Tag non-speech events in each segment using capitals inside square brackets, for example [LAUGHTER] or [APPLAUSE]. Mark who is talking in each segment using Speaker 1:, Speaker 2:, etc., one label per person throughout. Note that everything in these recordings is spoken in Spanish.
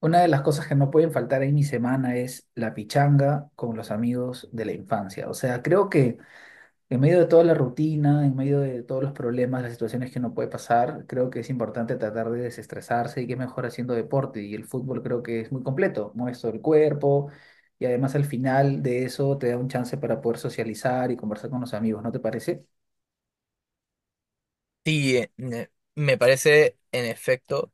Speaker 1: Una de las cosas que no pueden faltar en mi semana es la pichanga con los amigos de la infancia. O sea, creo que en medio de toda la rutina, en medio de todos los problemas, las situaciones que uno puede pasar, creo que es importante tratar de desestresarse y que mejor haciendo deporte. Y el fútbol creo que es muy completo, mueve todo el cuerpo y además al final de eso te da un chance para poder socializar y conversar con los amigos, ¿no te parece?
Speaker 2: Sí, me parece en efecto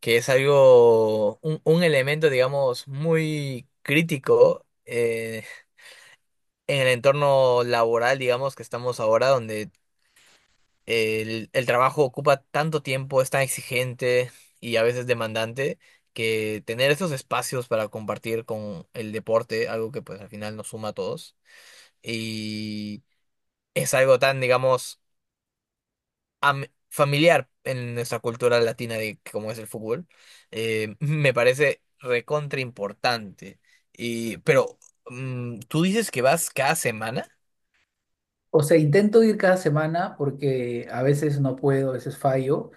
Speaker 2: que es algo, un elemento, digamos, muy crítico en el entorno laboral, digamos, que estamos ahora, donde el trabajo ocupa tanto tiempo, es tan exigente y a veces demandante, que tener esos espacios para compartir con el deporte, algo que pues al final nos suma a todos, y es algo tan, digamos, am- familiar en nuestra cultura latina de cómo es el fútbol, me parece recontra importante. Pero, ¿tú dices que vas cada semana?
Speaker 1: O sea, intento ir cada semana porque a veces no puedo, a veces fallo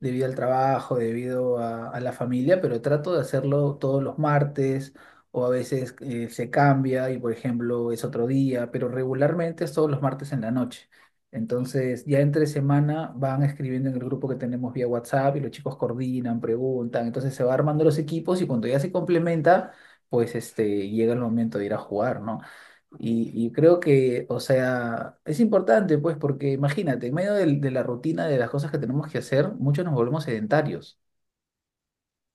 Speaker 1: debido al trabajo, debido a la familia, pero trato de hacerlo todos los martes o a veces se cambia y por ejemplo es otro día, pero regularmente es todos los martes en la noche. Entonces ya entre semana van escribiendo en el grupo que tenemos vía WhatsApp y los chicos coordinan, preguntan, entonces se va armando los equipos y cuando ya se complementa, pues este, llega el momento de ir a jugar, ¿no? Y creo que, o sea, es importante, pues, porque imagínate, en medio de la rutina de las cosas que tenemos que hacer, muchos nos volvemos sedentarios.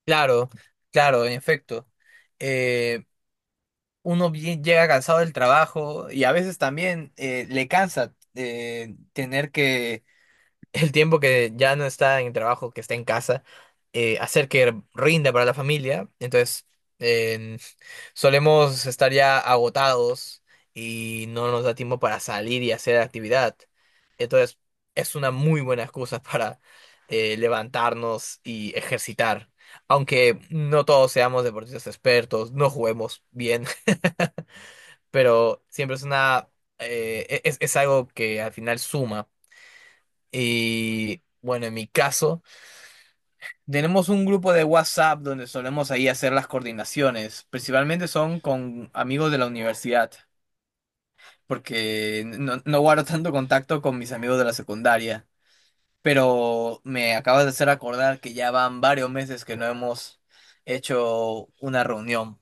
Speaker 2: Claro, claro, en efecto. Eh, Uno bien llega cansado del trabajo y a veces también le cansa tener que, el tiempo que ya no está en el trabajo, que está en casa, hacer que rinda para la familia. Entonces, solemos estar ya agotados y no nos da tiempo para salir y hacer actividad. Entonces, es una muy buena excusa [LAUGHS] para levantarnos y ejercitar. Aunque no todos seamos deportistas expertos, no juguemos bien, [LAUGHS] pero siempre es algo que al final suma. Y bueno, en mi caso, tenemos un grupo de WhatsApp donde solemos ahí hacer las coordinaciones. Principalmente son con amigos de la universidad, porque no guardo tanto contacto con mis amigos de la secundaria, pero me acabas de hacer acordar que ya van varios meses que no hemos hecho una reunión.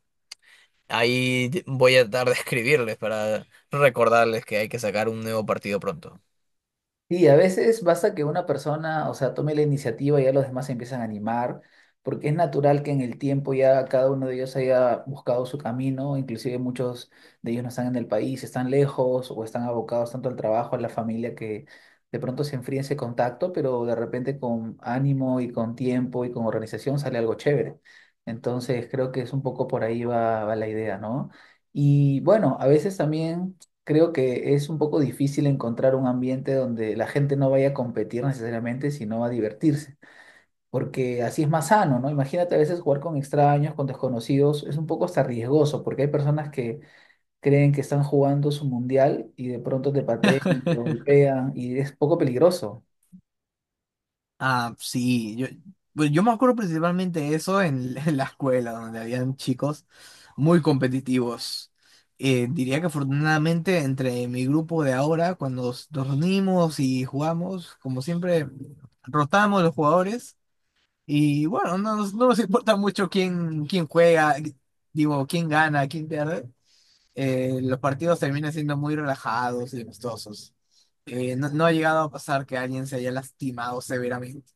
Speaker 2: Ahí voy a tratar de escribirles para recordarles que hay que sacar un nuevo partido pronto.
Speaker 1: Sí, a veces basta que una persona, o sea, tome la iniciativa y ya los demás se empiezan a animar, porque es natural que en el tiempo ya cada uno de ellos haya buscado su camino, inclusive muchos de ellos no están en el país, están lejos o están abocados tanto al trabajo, a la familia, que de pronto se enfría ese contacto, pero de repente con ánimo y con tiempo y con organización sale algo chévere. Entonces creo que es un poco por ahí va la idea, ¿no? Y bueno, a veces también creo que es un poco difícil encontrar un ambiente donde la gente no vaya a competir necesariamente, sino a divertirse, porque así es más sano, ¿no? Imagínate, a veces jugar con extraños, con desconocidos, es un poco hasta riesgoso, porque hay personas que creen que están jugando su mundial y de pronto te patean, te golpean y es poco peligroso.
Speaker 2: Ah, sí, yo, pues yo me acuerdo principalmente de eso en escuela, donde habían chicos muy competitivos. Diría que afortunadamente entre mi grupo de ahora, cuando nos reunimos y jugamos, como siempre, rotamos los jugadores y bueno, no nos importa mucho quién juega, digo, quién pierde. Los partidos terminan siendo muy relajados y amistosos. No ha llegado a pasar que alguien se haya lastimado severamente.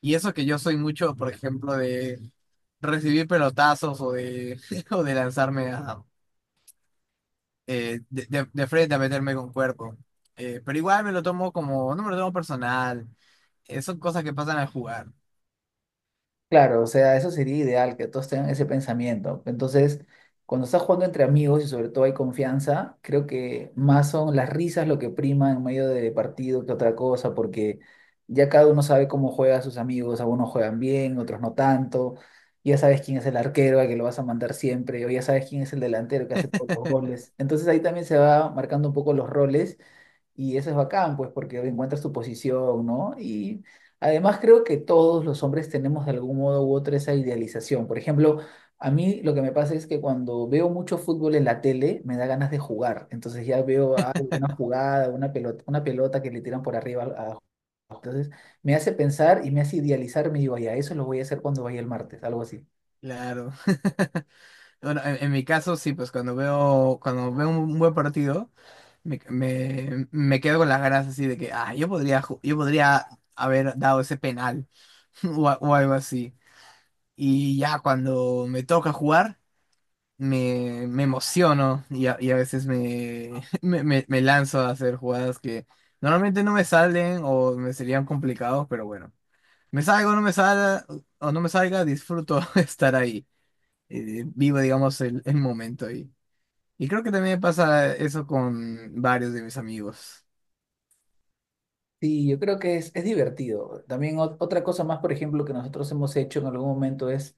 Speaker 2: Y eso que yo soy mucho, por ejemplo, de recibir pelotazos [LAUGHS] o de lanzarme a, de frente a meterme con cuerpo. Pero igual me lo tomo como, no me lo tomo personal. Son cosas que pasan al jugar.
Speaker 1: Claro, o sea, eso sería ideal, que todos tengan ese pensamiento. Entonces, cuando estás jugando entre amigos y sobre todo hay confianza, creo que más son las risas lo que prima en medio de partido que otra cosa, porque ya cada uno sabe cómo juega a sus amigos, algunos juegan bien, otros no tanto, ya sabes quién es el arquero al que lo vas a mandar siempre, o ya sabes quién es el delantero que hace todos los goles. Entonces ahí también se va marcando un poco los roles y eso es bacán, pues, porque encuentras tu posición, ¿no? Y además creo que todos los hombres tenemos de algún modo u otro esa idealización. Por ejemplo, a mí lo que me pasa es que cuando veo mucho fútbol en la tele, me da ganas de jugar. Entonces ya veo alguna jugada, una pelota que le tiran por arriba a... Entonces me hace pensar y me hace idealizar, me digo, ya, eso lo voy a hacer cuando vaya el martes, algo así.
Speaker 2: Claro. [LAUGHS] Bueno, en mi caso sí, pues cuando veo un buen partido, me quedo con las ganas así de que, ah, yo podría haber dado ese penal [LAUGHS] o algo así. Y ya cuando me toca jugar, me emociono y [LAUGHS] me lanzo a hacer jugadas que normalmente no me salen o me serían complicados, pero bueno, me salgo, no me salga o no me salga, disfruto [LAUGHS] estar ahí. Vivo, digamos, el momento ahí. Y creo que también me pasa eso con varios de mis amigos.
Speaker 1: Sí, yo creo que es divertido. También otra cosa más, por ejemplo, que nosotros hemos hecho en algún momento es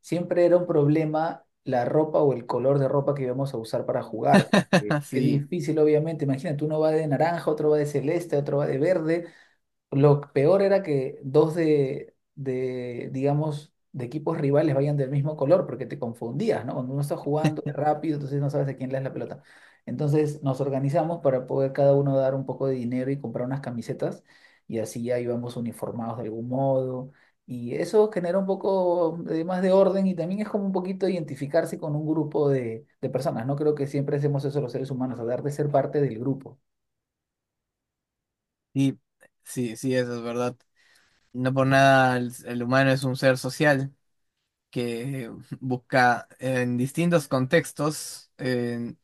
Speaker 1: siempre era un problema la ropa o el color de ropa que íbamos a usar para jugar.
Speaker 2: [LAUGHS]
Speaker 1: Es
Speaker 2: Así,
Speaker 1: difícil, obviamente. Imagínate, uno va de naranja, otro va de celeste, otro va de verde, lo peor era que dos de digamos, de equipos rivales vayan del mismo color, porque te confundías, ¿no? Cuando uno está jugando es rápido, entonces no sabes a quién le das la pelota. Entonces nos organizamos para poder cada uno dar un poco de dinero y comprar unas camisetas, y así ya íbamos uniformados de algún modo. Y eso genera un poco de más de orden y también es como un poquito identificarse con un grupo de personas, ¿no? Creo que siempre hacemos eso los seres humanos, hablar de ser parte del grupo.
Speaker 2: sí, sí, eso es verdad. No por nada el humano es un ser social que [LAUGHS] busca en distintos contextos en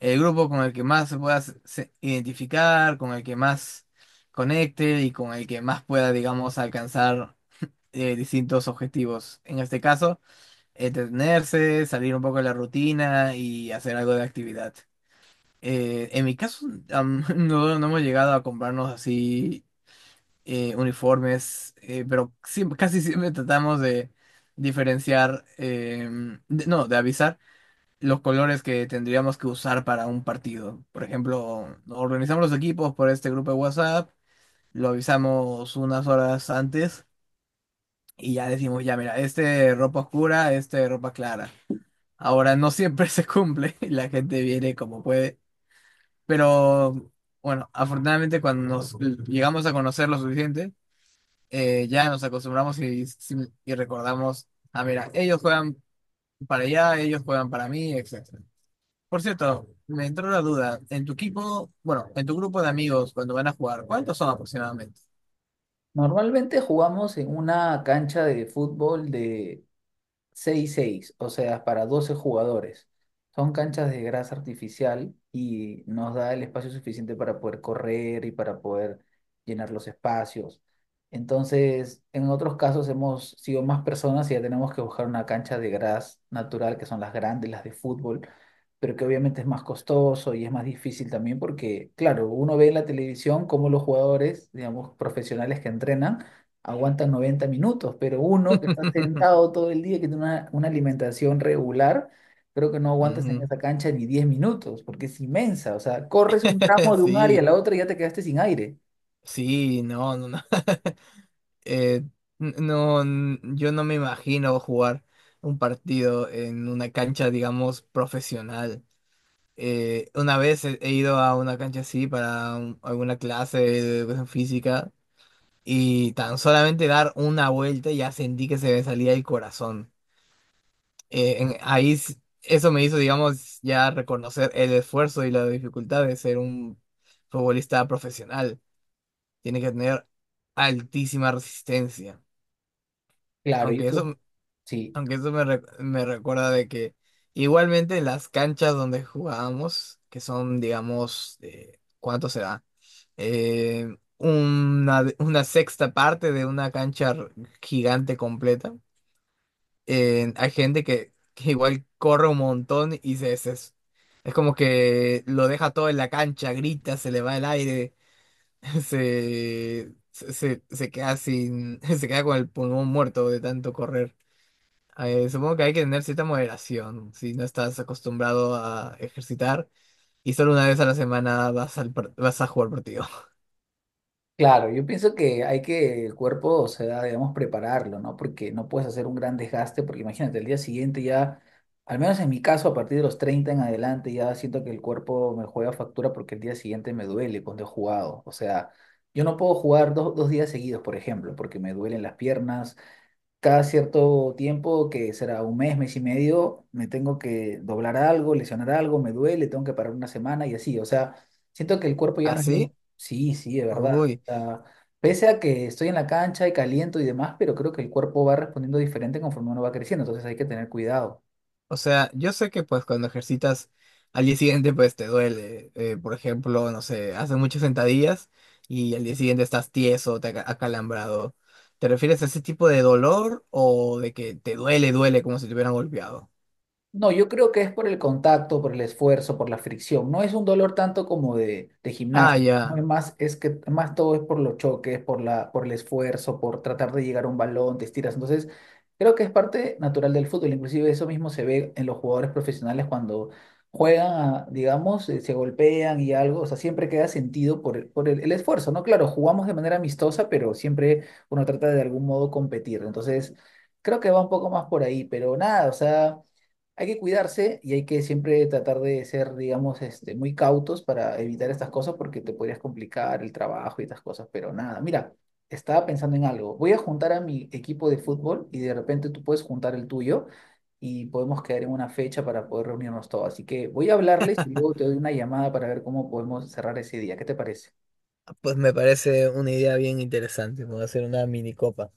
Speaker 2: el grupo con el que más se pueda identificar, con el que más conecte y con el que más pueda, digamos, alcanzar distintos objetivos. En este caso, entretenerse, salir un poco de la rutina y hacer algo de actividad. En mi caso, [LAUGHS] no hemos llegado a comprarnos así uniformes, pero siempre, casi siempre tratamos de diferenciar, no, de avisar los colores que tendríamos que usar para un partido. Por ejemplo, organizamos los equipos por este grupo de WhatsApp, lo avisamos unas horas antes y ya decimos, ya mira, este ropa oscura, este ropa clara. Ahora no siempre [LAUGHS] se cumple, la gente viene como puede. Pero bueno, afortunadamente cuando nos llegamos a conocer lo suficiente, ya nos acostumbramos y sí, y recordamos, ah, mira, ellos juegan para allá, ellos juegan para mí, etcétera. Por cierto, me entró la duda, en tu equipo, bueno, en tu grupo de amigos cuando van a jugar, ¿cuántos son aproximadamente?
Speaker 1: Normalmente jugamos en una cancha de fútbol de seis seis, o sea, para 12 jugadores. Son canchas de grasa artificial y nos da el espacio suficiente para poder correr y para poder llenar los espacios. Entonces, en otros casos hemos sido más personas y ya tenemos que buscar una cancha de gras natural, que son las grandes, las de fútbol, pero que obviamente es más costoso y es más difícil también porque, claro, uno ve en la televisión cómo los jugadores, digamos, profesionales que entrenan, aguantan 90 minutos, pero uno que está
Speaker 2: [LAUGHS]
Speaker 1: sentado todo el día, que tiene una alimentación regular, creo que no aguantas en
Speaker 2: Ujú.
Speaker 1: esa cancha ni 10 minutos, porque es inmensa, o sea, corres un tramo
Speaker 2: [LAUGHS]
Speaker 1: de un área a
Speaker 2: Sí,
Speaker 1: la otra y ya te quedaste sin aire.
Speaker 2: sí, no, no, no. [LAUGHS] Eh, no, yo no me imagino jugar un partido en una cancha, digamos, profesional. Una vez he ido a una cancha así para alguna clase de educación física y tan solamente dar una vuelta ya sentí que se me salía el corazón. Eh, en- ahí s- Eso me hizo, digamos, ya reconocer el esfuerzo y la dificultad de ser un futbolista profesional. Tiene que tener altísima resistencia.
Speaker 1: Claro, y
Speaker 2: Aunque
Speaker 1: eso,
Speaker 2: eso,
Speaker 1: sí,
Speaker 2: aunque eso me recuerda de que igualmente en las canchas donde jugábamos, que son, digamos, ¿cuánto será? Una sexta parte de una cancha gigante completa. Hay gente que igual corre un montón es como que lo deja todo en la cancha, grita, se le va el aire, [LAUGHS] se queda sin, [LAUGHS] se queda con el pulmón muerto de tanto correr. Supongo que hay que tener cierta moderación si no estás acostumbrado a ejercitar y solo una vez a la semana vas, vas a jugar partido.
Speaker 1: claro, yo pienso que hay que el cuerpo, o sea, debemos prepararlo, ¿no? Porque no puedes hacer un gran desgaste, porque imagínate, el día siguiente ya, al menos en mi caso, a partir de los 30 en adelante, ya siento que el cuerpo me juega factura porque el día siguiente me duele cuando he jugado. O sea, yo no puedo jugar dos días seguidos, por ejemplo, porque me duelen las piernas, cada cierto tiempo, que será un mes, mes y medio, me tengo que doblar algo, lesionar algo, me duele, tengo que parar una semana y así. O sea, siento que el
Speaker 2: [LAUGHS]
Speaker 1: cuerpo ya no es...
Speaker 2: ¿Así?
Speaker 1: Sí, sí, de verdad. O
Speaker 2: Uy.
Speaker 1: sea, pese a que estoy en la cancha y caliento y demás, pero creo que el cuerpo va respondiendo diferente conforme uno va creciendo, entonces hay que tener cuidado.
Speaker 2: O sea, yo sé que pues cuando ejercitas al día siguiente pues te duele. Por ejemplo, no sé, haces muchas sentadillas y al día siguiente estás tieso, te acalambrado. ¿Te refieres a ese tipo de dolor o de que te duele, duele como si te hubieran golpeado?
Speaker 1: No, yo creo que es por el contacto, por el esfuerzo, por la fricción. No es un dolor tanto como de
Speaker 2: Ah,
Speaker 1: gimnasio, ¿no? Es
Speaker 2: ya.
Speaker 1: más, es que más todo es por los choques, por la, por el esfuerzo, por tratar de llegar a un balón, te estiras. Entonces, creo que es parte natural del fútbol. Inclusive eso mismo se ve en los jugadores profesionales cuando juegan, digamos, se golpean y algo. O sea, siempre queda sentido por, por el esfuerzo, ¿no? Claro, jugamos de manera amistosa, pero siempre uno trata de algún modo competir. Entonces, creo que va un poco más por ahí, pero nada, o sea... Hay que cuidarse y hay que siempre tratar de ser, digamos, este, muy cautos para evitar estas cosas porque te podrías complicar el trabajo y estas cosas, pero nada, mira, estaba pensando en algo. Voy a juntar a mi equipo de fútbol y de repente tú puedes juntar el tuyo y podemos quedar en una fecha para poder reunirnos todos. Así que voy a hablarles y luego te doy una llamada para ver cómo podemos cerrar ese día. ¿Qué te parece?
Speaker 2: Pues me parece una idea bien interesante. Me voy a hacer una mini copa.